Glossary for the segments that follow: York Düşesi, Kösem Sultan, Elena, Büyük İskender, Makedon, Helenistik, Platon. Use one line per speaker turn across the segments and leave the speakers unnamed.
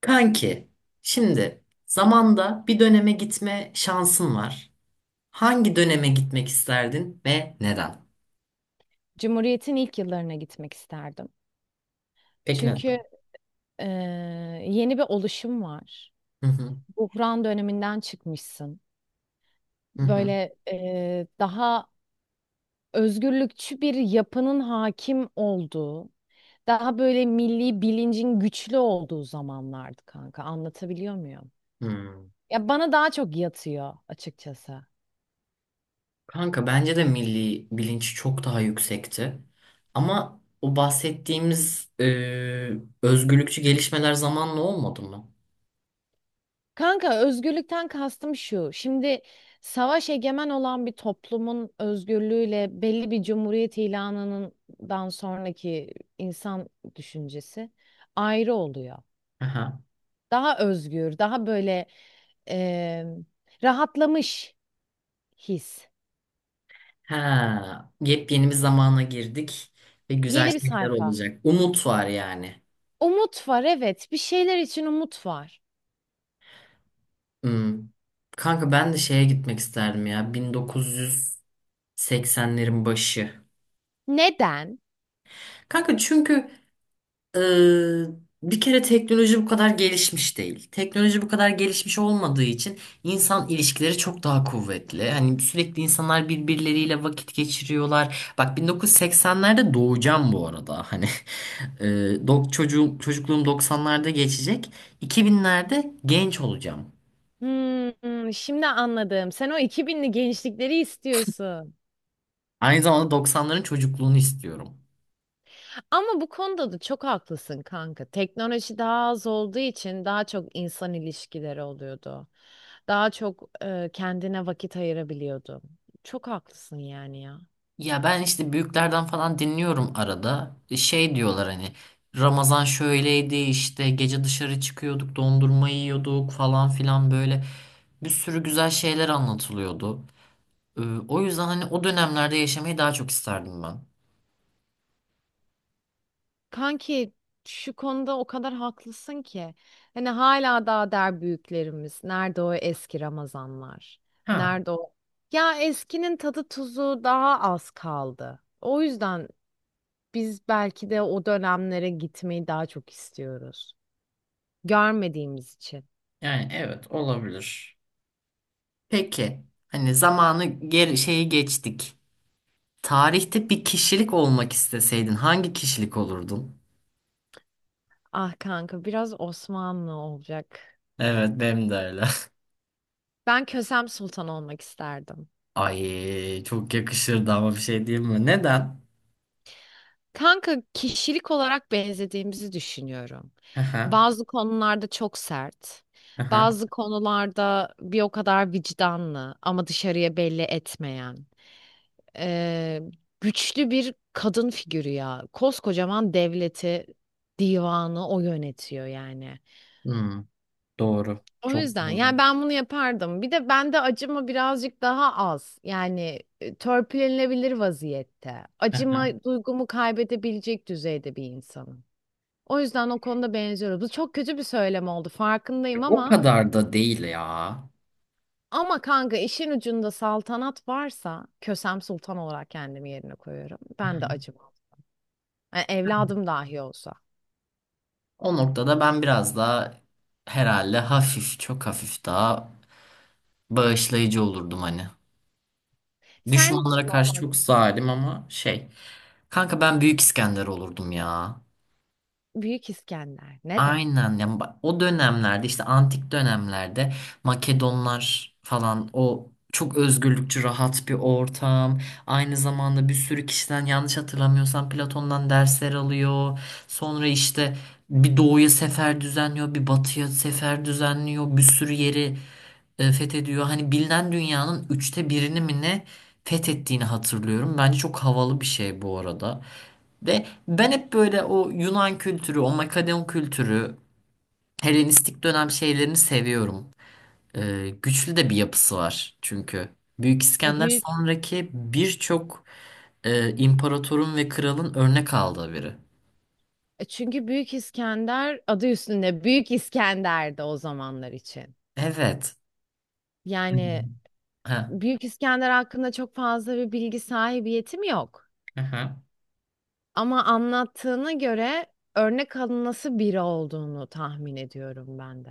Kanki, şimdi zamanda bir döneme gitme şansın var. Hangi döneme gitmek isterdin ve neden?
Cumhuriyet'in ilk yıllarına gitmek isterdim.
Peki
Çünkü
neden?
e, yeni bir oluşum var.
Hı hı,
Buhran döneminden çıkmışsın.
hı hı.
Böyle daha özgürlükçü bir yapının hakim olduğu, daha böyle milli bilincin güçlü olduğu zamanlardı kanka. Anlatabiliyor muyum?
Hmm.
Ya bana daha çok yatıyor açıkçası.
Kanka bence de milli bilinç çok daha yüksekti. Ama o bahsettiğimiz özgürlükçü gelişmeler zamanla olmadı mı?
Kanka özgürlükten kastım şu. Şimdi savaş egemen olan bir toplumun özgürlüğüyle belli bir cumhuriyet ilanından sonraki insan düşüncesi ayrı oluyor.
Aha.
Daha özgür, daha böyle eee, rahatlamış his.
Ha, yepyeni bir zamana girdik ve güzel
Yeni bir
şeyler
sayfa.
olacak. Umut var yani.
Umut var, evet. Bir şeyler için umut var.
Hmm. Kanka ben de şeye gitmek isterdim ya 1980'lerin başı.
Neden?
Kanka çünkü e, bir kere teknoloji bu kadar gelişmiş değil. Teknoloji bu kadar gelişmiş olmadığı için insan ilişkileri çok daha kuvvetli. Hani sürekli insanlar birbirleriyle vakit geçiriyorlar. Bak 1980'lerde doğacağım bu arada. Hani e, çocuğum, çocukluğum 90'larda geçecek. 2000'lerde genç olacağım.
Hmm, şimdi anladım. Sen o 2000'li gençlikleri istiyorsun.
Aynı zamanda 90'ların çocukluğunu istiyorum.
Ama bu konuda da çok haklısın kanka. Teknoloji daha az olduğu için daha çok insan ilişkileri oluyordu. Daha çok kendine vakit ayırabiliyordu. Çok haklısın yani ya.
Ya ben işte büyüklerden falan dinliyorum arada. Şey diyorlar hani Ramazan şöyleydi, işte gece dışarı çıkıyorduk, dondurma yiyorduk falan filan, böyle bir sürü güzel şeyler anlatılıyordu. E, O yüzden hani o dönemlerde yaşamayı daha çok isterdim ben.
Kanki, şu konuda o kadar haklısın ki. Hani hala daha der büyüklerimiz. Nerede o eski Ramazanlar?
Ha,
Nerede o? Ya eskinin tadı tuzu daha az kaldı. O yüzden biz belki de o dönemlere gitmeyi daha çok istiyoruz. Görmediğimiz için.
yani evet, olabilir. Peki hani zamanı geri şeyi geçtik. Tarihte bir kişilik olmak isteseydin hangi kişilik olurdun?
Ah kanka, biraz Osmanlı olacak.
Evet benim de öyle.
Ben Kösem Sultan olmak isterdim.
Ay çok yakışırdı ama bir şey diyeyim mi? Neden?
Kanka kişilik olarak benzediğimizi düşünüyorum.
Hı hı,
Bazı konularda çok sert,
hı hı.
bazı konularda bir o kadar vicdanlı ama dışarıya belli etmeyen. Ee, güçlü bir kadın figürü ya. Koskocaman devleti, divanı o yönetiyor yani.
Hmm, doğru.
O
Çok
yüzden
doğru.
yani ben bunu yapardım. Bir de bende acıma birazcık daha az. Yani törpülenebilir vaziyette.
Hı
Acıma
hı.
duygumu kaybedebilecek düzeyde bir insanım. O yüzden o konuda benziyoruz. Bu çok kötü bir söylem oldu, farkındayım,
O
ama
kadar da değil ya.
kanka işin ucunda saltanat varsa Kösem Sultan olarak kendimi yerine koyuyorum.
Hı
Ben
hı.
de acımam. Yani evladım dahi olsa.
O noktada ben biraz daha herhalde hafif, çok hafif daha bağışlayıcı olurdum hani.
Sen
Düşmanlara
kim
karşı
olmak?
çok zalim ama şey. Kanka ben Büyük İskender olurdum ya.
Büyük İskender. Neden?
Aynen yani o dönemlerde, işte antik dönemlerde Makedonlar falan, o çok özgürlükçü rahat bir ortam. Aynı zamanda bir sürü kişiden, yanlış hatırlamıyorsam Platon'dan dersler alıyor. Sonra işte bir doğuya sefer düzenliyor, bir batıya sefer düzenliyor. Bir sürü yeri fethediyor. Hani bilinen dünyanın üçte birini mi ne fethettiğini hatırlıyorum. Bence çok havalı bir şey bu arada. Ve ben hep böyle o Yunan kültürü, o Makedon kültürü, Helenistik dönem şeylerini seviyorum. Güçlü de bir yapısı var çünkü. Büyük
E,
İskender
büyük
sonraki birçok imparatorun ve kralın örnek aldığı biri.
Çünkü Büyük İskender adı üstünde Büyük İskender'di o zamanlar için.
Evet.
Yani
Hmm. Ha.
Büyük İskender hakkında çok fazla bir bilgi sahibiyetim yok.
Aha.
Ama anlattığına göre örnek alınası biri olduğunu tahmin ediyorum ben de.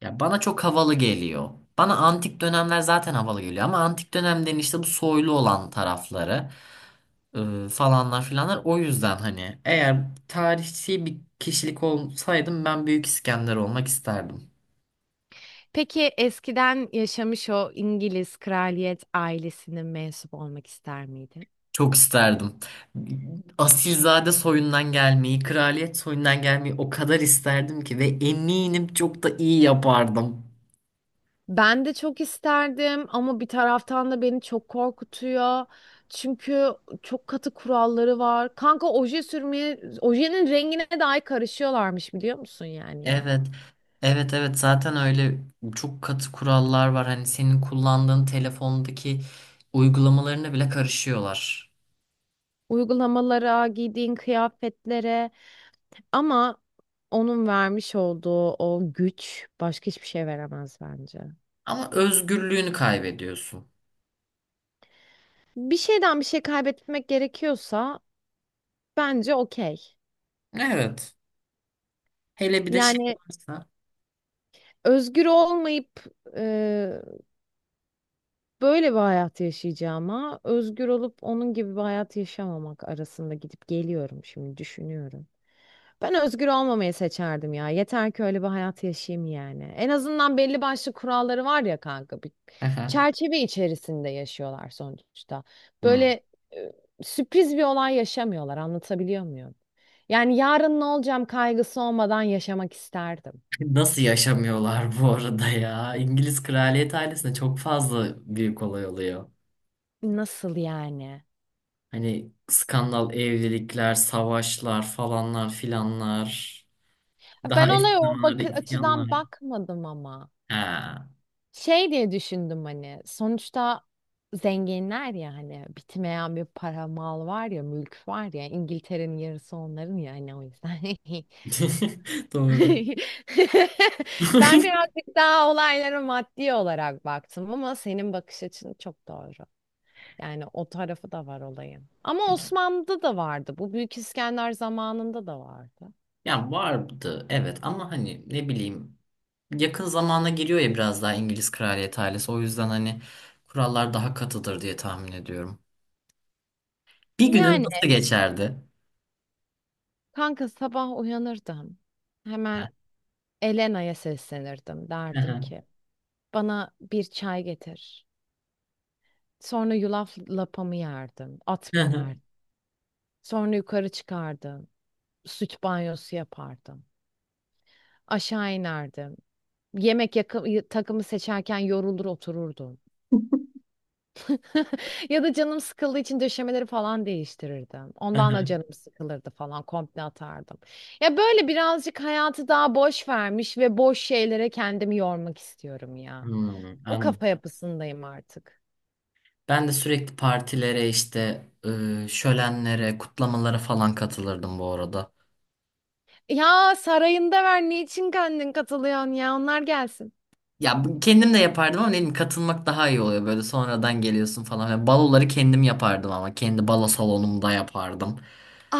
Ya bana çok havalı geliyor. Bana antik dönemler zaten havalı geliyor, ama antik dönemden işte bu soylu olan tarafları, falanlar filanlar, o yüzden hani eğer tarihçi bir kişilik olsaydım ben Büyük İskender olmak isterdim.
Peki eskiden yaşamış o İngiliz kraliyet ailesinin mensup olmak ister miydin?
Çok isterdim. Asilzade soyundan gelmeyi, kraliyet soyundan gelmeyi o kadar isterdim ki, ve eminim çok da iyi yapardım.
Ben de çok isterdim ama bir taraftan da beni çok korkutuyor. Çünkü çok katı kuralları var. Kanka oje sürmeye, ojenin rengine dahi karışıyorlarmış, biliyor musun yani ya?
Evet. Evet, evet, zaten öyle, çok katı kurallar var. Hani senin kullandığın telefondaki uygulamalarına bile karışıyorlar.
Uygulamalara, giydiğin kıyafetlere, ama onun vermiş olduğu o güç başka hiçbir şey veremez bence.
Ama özgürlüğünü kaybediyorsun.
Bir şeyden bir şey kaybetmek gerekiyorsa bence okey.
Evet. Hele bir de şey
Yani
varsa.
özgür olmayıp böyle bir hayat yaşayacağıma özgür olup onun gibi bir hayat yaşamamak arasında gidip geliyorum şimdi düşünüyorum. Ben özgür olmamayı seçerdim ya. Yeter ki öyle bir hayat yaşayayım yani. En azından belli başlı kuralları var ya kanka. Bir
Aha.
çerçeve içerisinde yaşıyorlar sonuçta.
Hmm.
Böyle e, sürpriz bir olay yaşamıyorlar. Anlatabiliyor muyum? Yani yarın ne olacağım kaygısı olmadan yaşamak isterdim.
Nasıl yaşamıyorlar bu arada ya? İngiliz kraliyet ailesinde çok fazla büyük olay oluyor.
Nasıl yani?
Hani skandal evlilikler, savaşlar, falanlar filanlar.
Ben
Daha eski
olaya o
zamanlarda
bakı açıdan
isyanlar.
bakmadım ama.
Ha.
Şey diye düşündüm hani sonuçta zenginler ya, hani bitmeyen bir para, mal var ya, mülk var ya, İngiltere'nin yarısı onların ya hani, o yüzden.
Doğru.
Ben birazcık daha olaylara maddi olarak baktım ama senin bakış açın çok doğru. Yani o tarafı da var olayın. Ama Osmanlı'da da vardı. Bu Büyük İskender zamanında da vardı.
Ya vardı evet, ama hani ne bileyim, yakın zamana giriyor ya biraz daha İngiliz kraliyet ailesi. O yüzden hani kurallar daha katıdır diye tahmin ediyorum. Bir günün
Yani
nasıl geçerdi?
kanka sabah uyanırdım. Hemen Elena'ya seslenirdim. Derdim ki, bana bir çay getir. Sonra yulaf lapamı yerdim. At binerdim. Sonra yukarı çıkardım. Süt banyosu yapardım. Aşağı inerdim. Yemek takımı seçerken yorulur otururdum. Ya da canım sıkıldığı için döşemeleri falan değiştirirdim. Ondan da canım sıkılırdı falan, komple atardım. Ya böyle birazcık hayatı daha boş vermiş ve boş şeylere kendimi yormak istiyorum ya.
Hmm,
O
anladım.
kafa yapısındayım artık.
Ben de sürekli partilere, işte şölenlere, kutlamalara falan katılırdım bu arada.
Ya sarayında ver, niçin kendin katılıyorsun ya, onlar gelsin.
Ya kendim de yapardım ama dedim katılmak daha iyi oluyor, böyle sonradan geliyorsun falan. Yani baloları kendim yapardım ama kendi balo salonumda yapardım.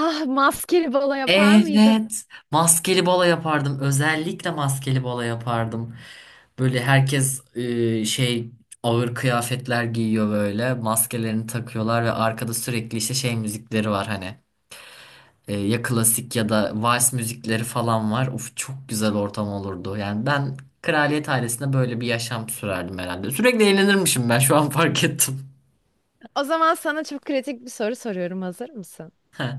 Ah, maskeli balo yapar mıydın?
Evet, maskeli balo yapardım. Özellikle maskeli balo yapardım. Böyle herkes ağır kıyafetler giyiyor böyle. Maskelerini takıyorlar ve arkada sürekli işte şey müzikleri var hani. Ya klasik ya da vals müzikleri falan var. Of, çok güzel ortam olurdu. Yani ben kraliyet ailesinde böyle bir yaşam sürerdim herhalde. Sürekli eğlenirmişim, ben şu an fark ettim.
O zaman sana çok kritik bir soru soruyorum, hazır mısın?
Heh.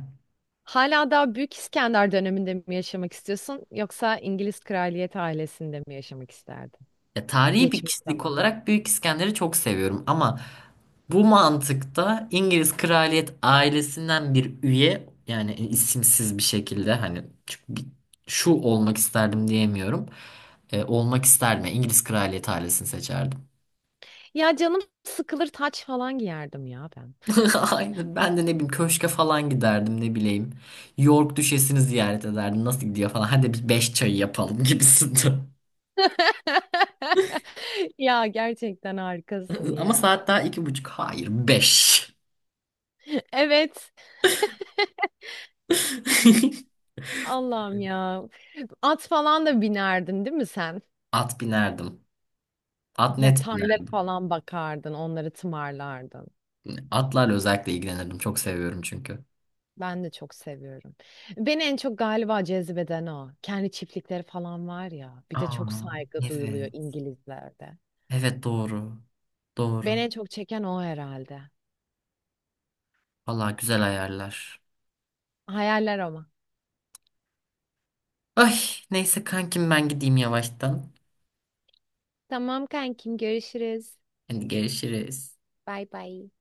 Hala daha Büyük İskender döneminde mi yaşamak istiyorsun yoksa İngiliz kraliyet ailesinde mi yaşamak isterdin?
Ya, tarihi bir
Geçmiş
kişilik
zaman.
olarak Büyük İskender'i çok seviyorum ama bu mantıkta İngiliz kraliyet ailesinden bir üye, yani isimsiz bir şekilde, hani çünkü şu olmak isterdim diyemiyorum. Olmak isterdim. Yani İngiliz kraliyet ailesini seçerdim.
Ya canım sıkılır, taç falan giyerdim ya ben.
Aynen. Ben de ne bileyim köşke falan giderdim, ne bileyim. York Düşesi'ni ziyaret ederdim. Nasıl gidiyor falan. Hadi biz beş çayı yapalım gibisinden.
Ya gerçekten harikasın
Ama
ya.
saat daha iki buçuk. Hayır, 5.
Evet. Allah'ım ya. At falan da binerdin değil mi sen?
At binerdim. At
Ya
net
tarla
binerdim.
falan bakardın, onları tımarlardın.
Atlarla özellikle ilgilenirdim. Çok seviyorum çünkü.
Ben de çok seviyorum. Beni en çok galiba cezbeden o. Kendi çiftlikleri falan var ya. Bir de çok
Aa,
saygı duyuluyor
evet.
İngilizlerde.
Evet, doğru.
Beni
Doğru.
en çok çeken o herhalde.
Vallahi güzel ayarlar.
Hayaller ama.
Ay, neyse kankim, ben gideyim yavaştan.
Tamam kankim, görüşürüz.
Hadi görüşürüz.
Bay bay.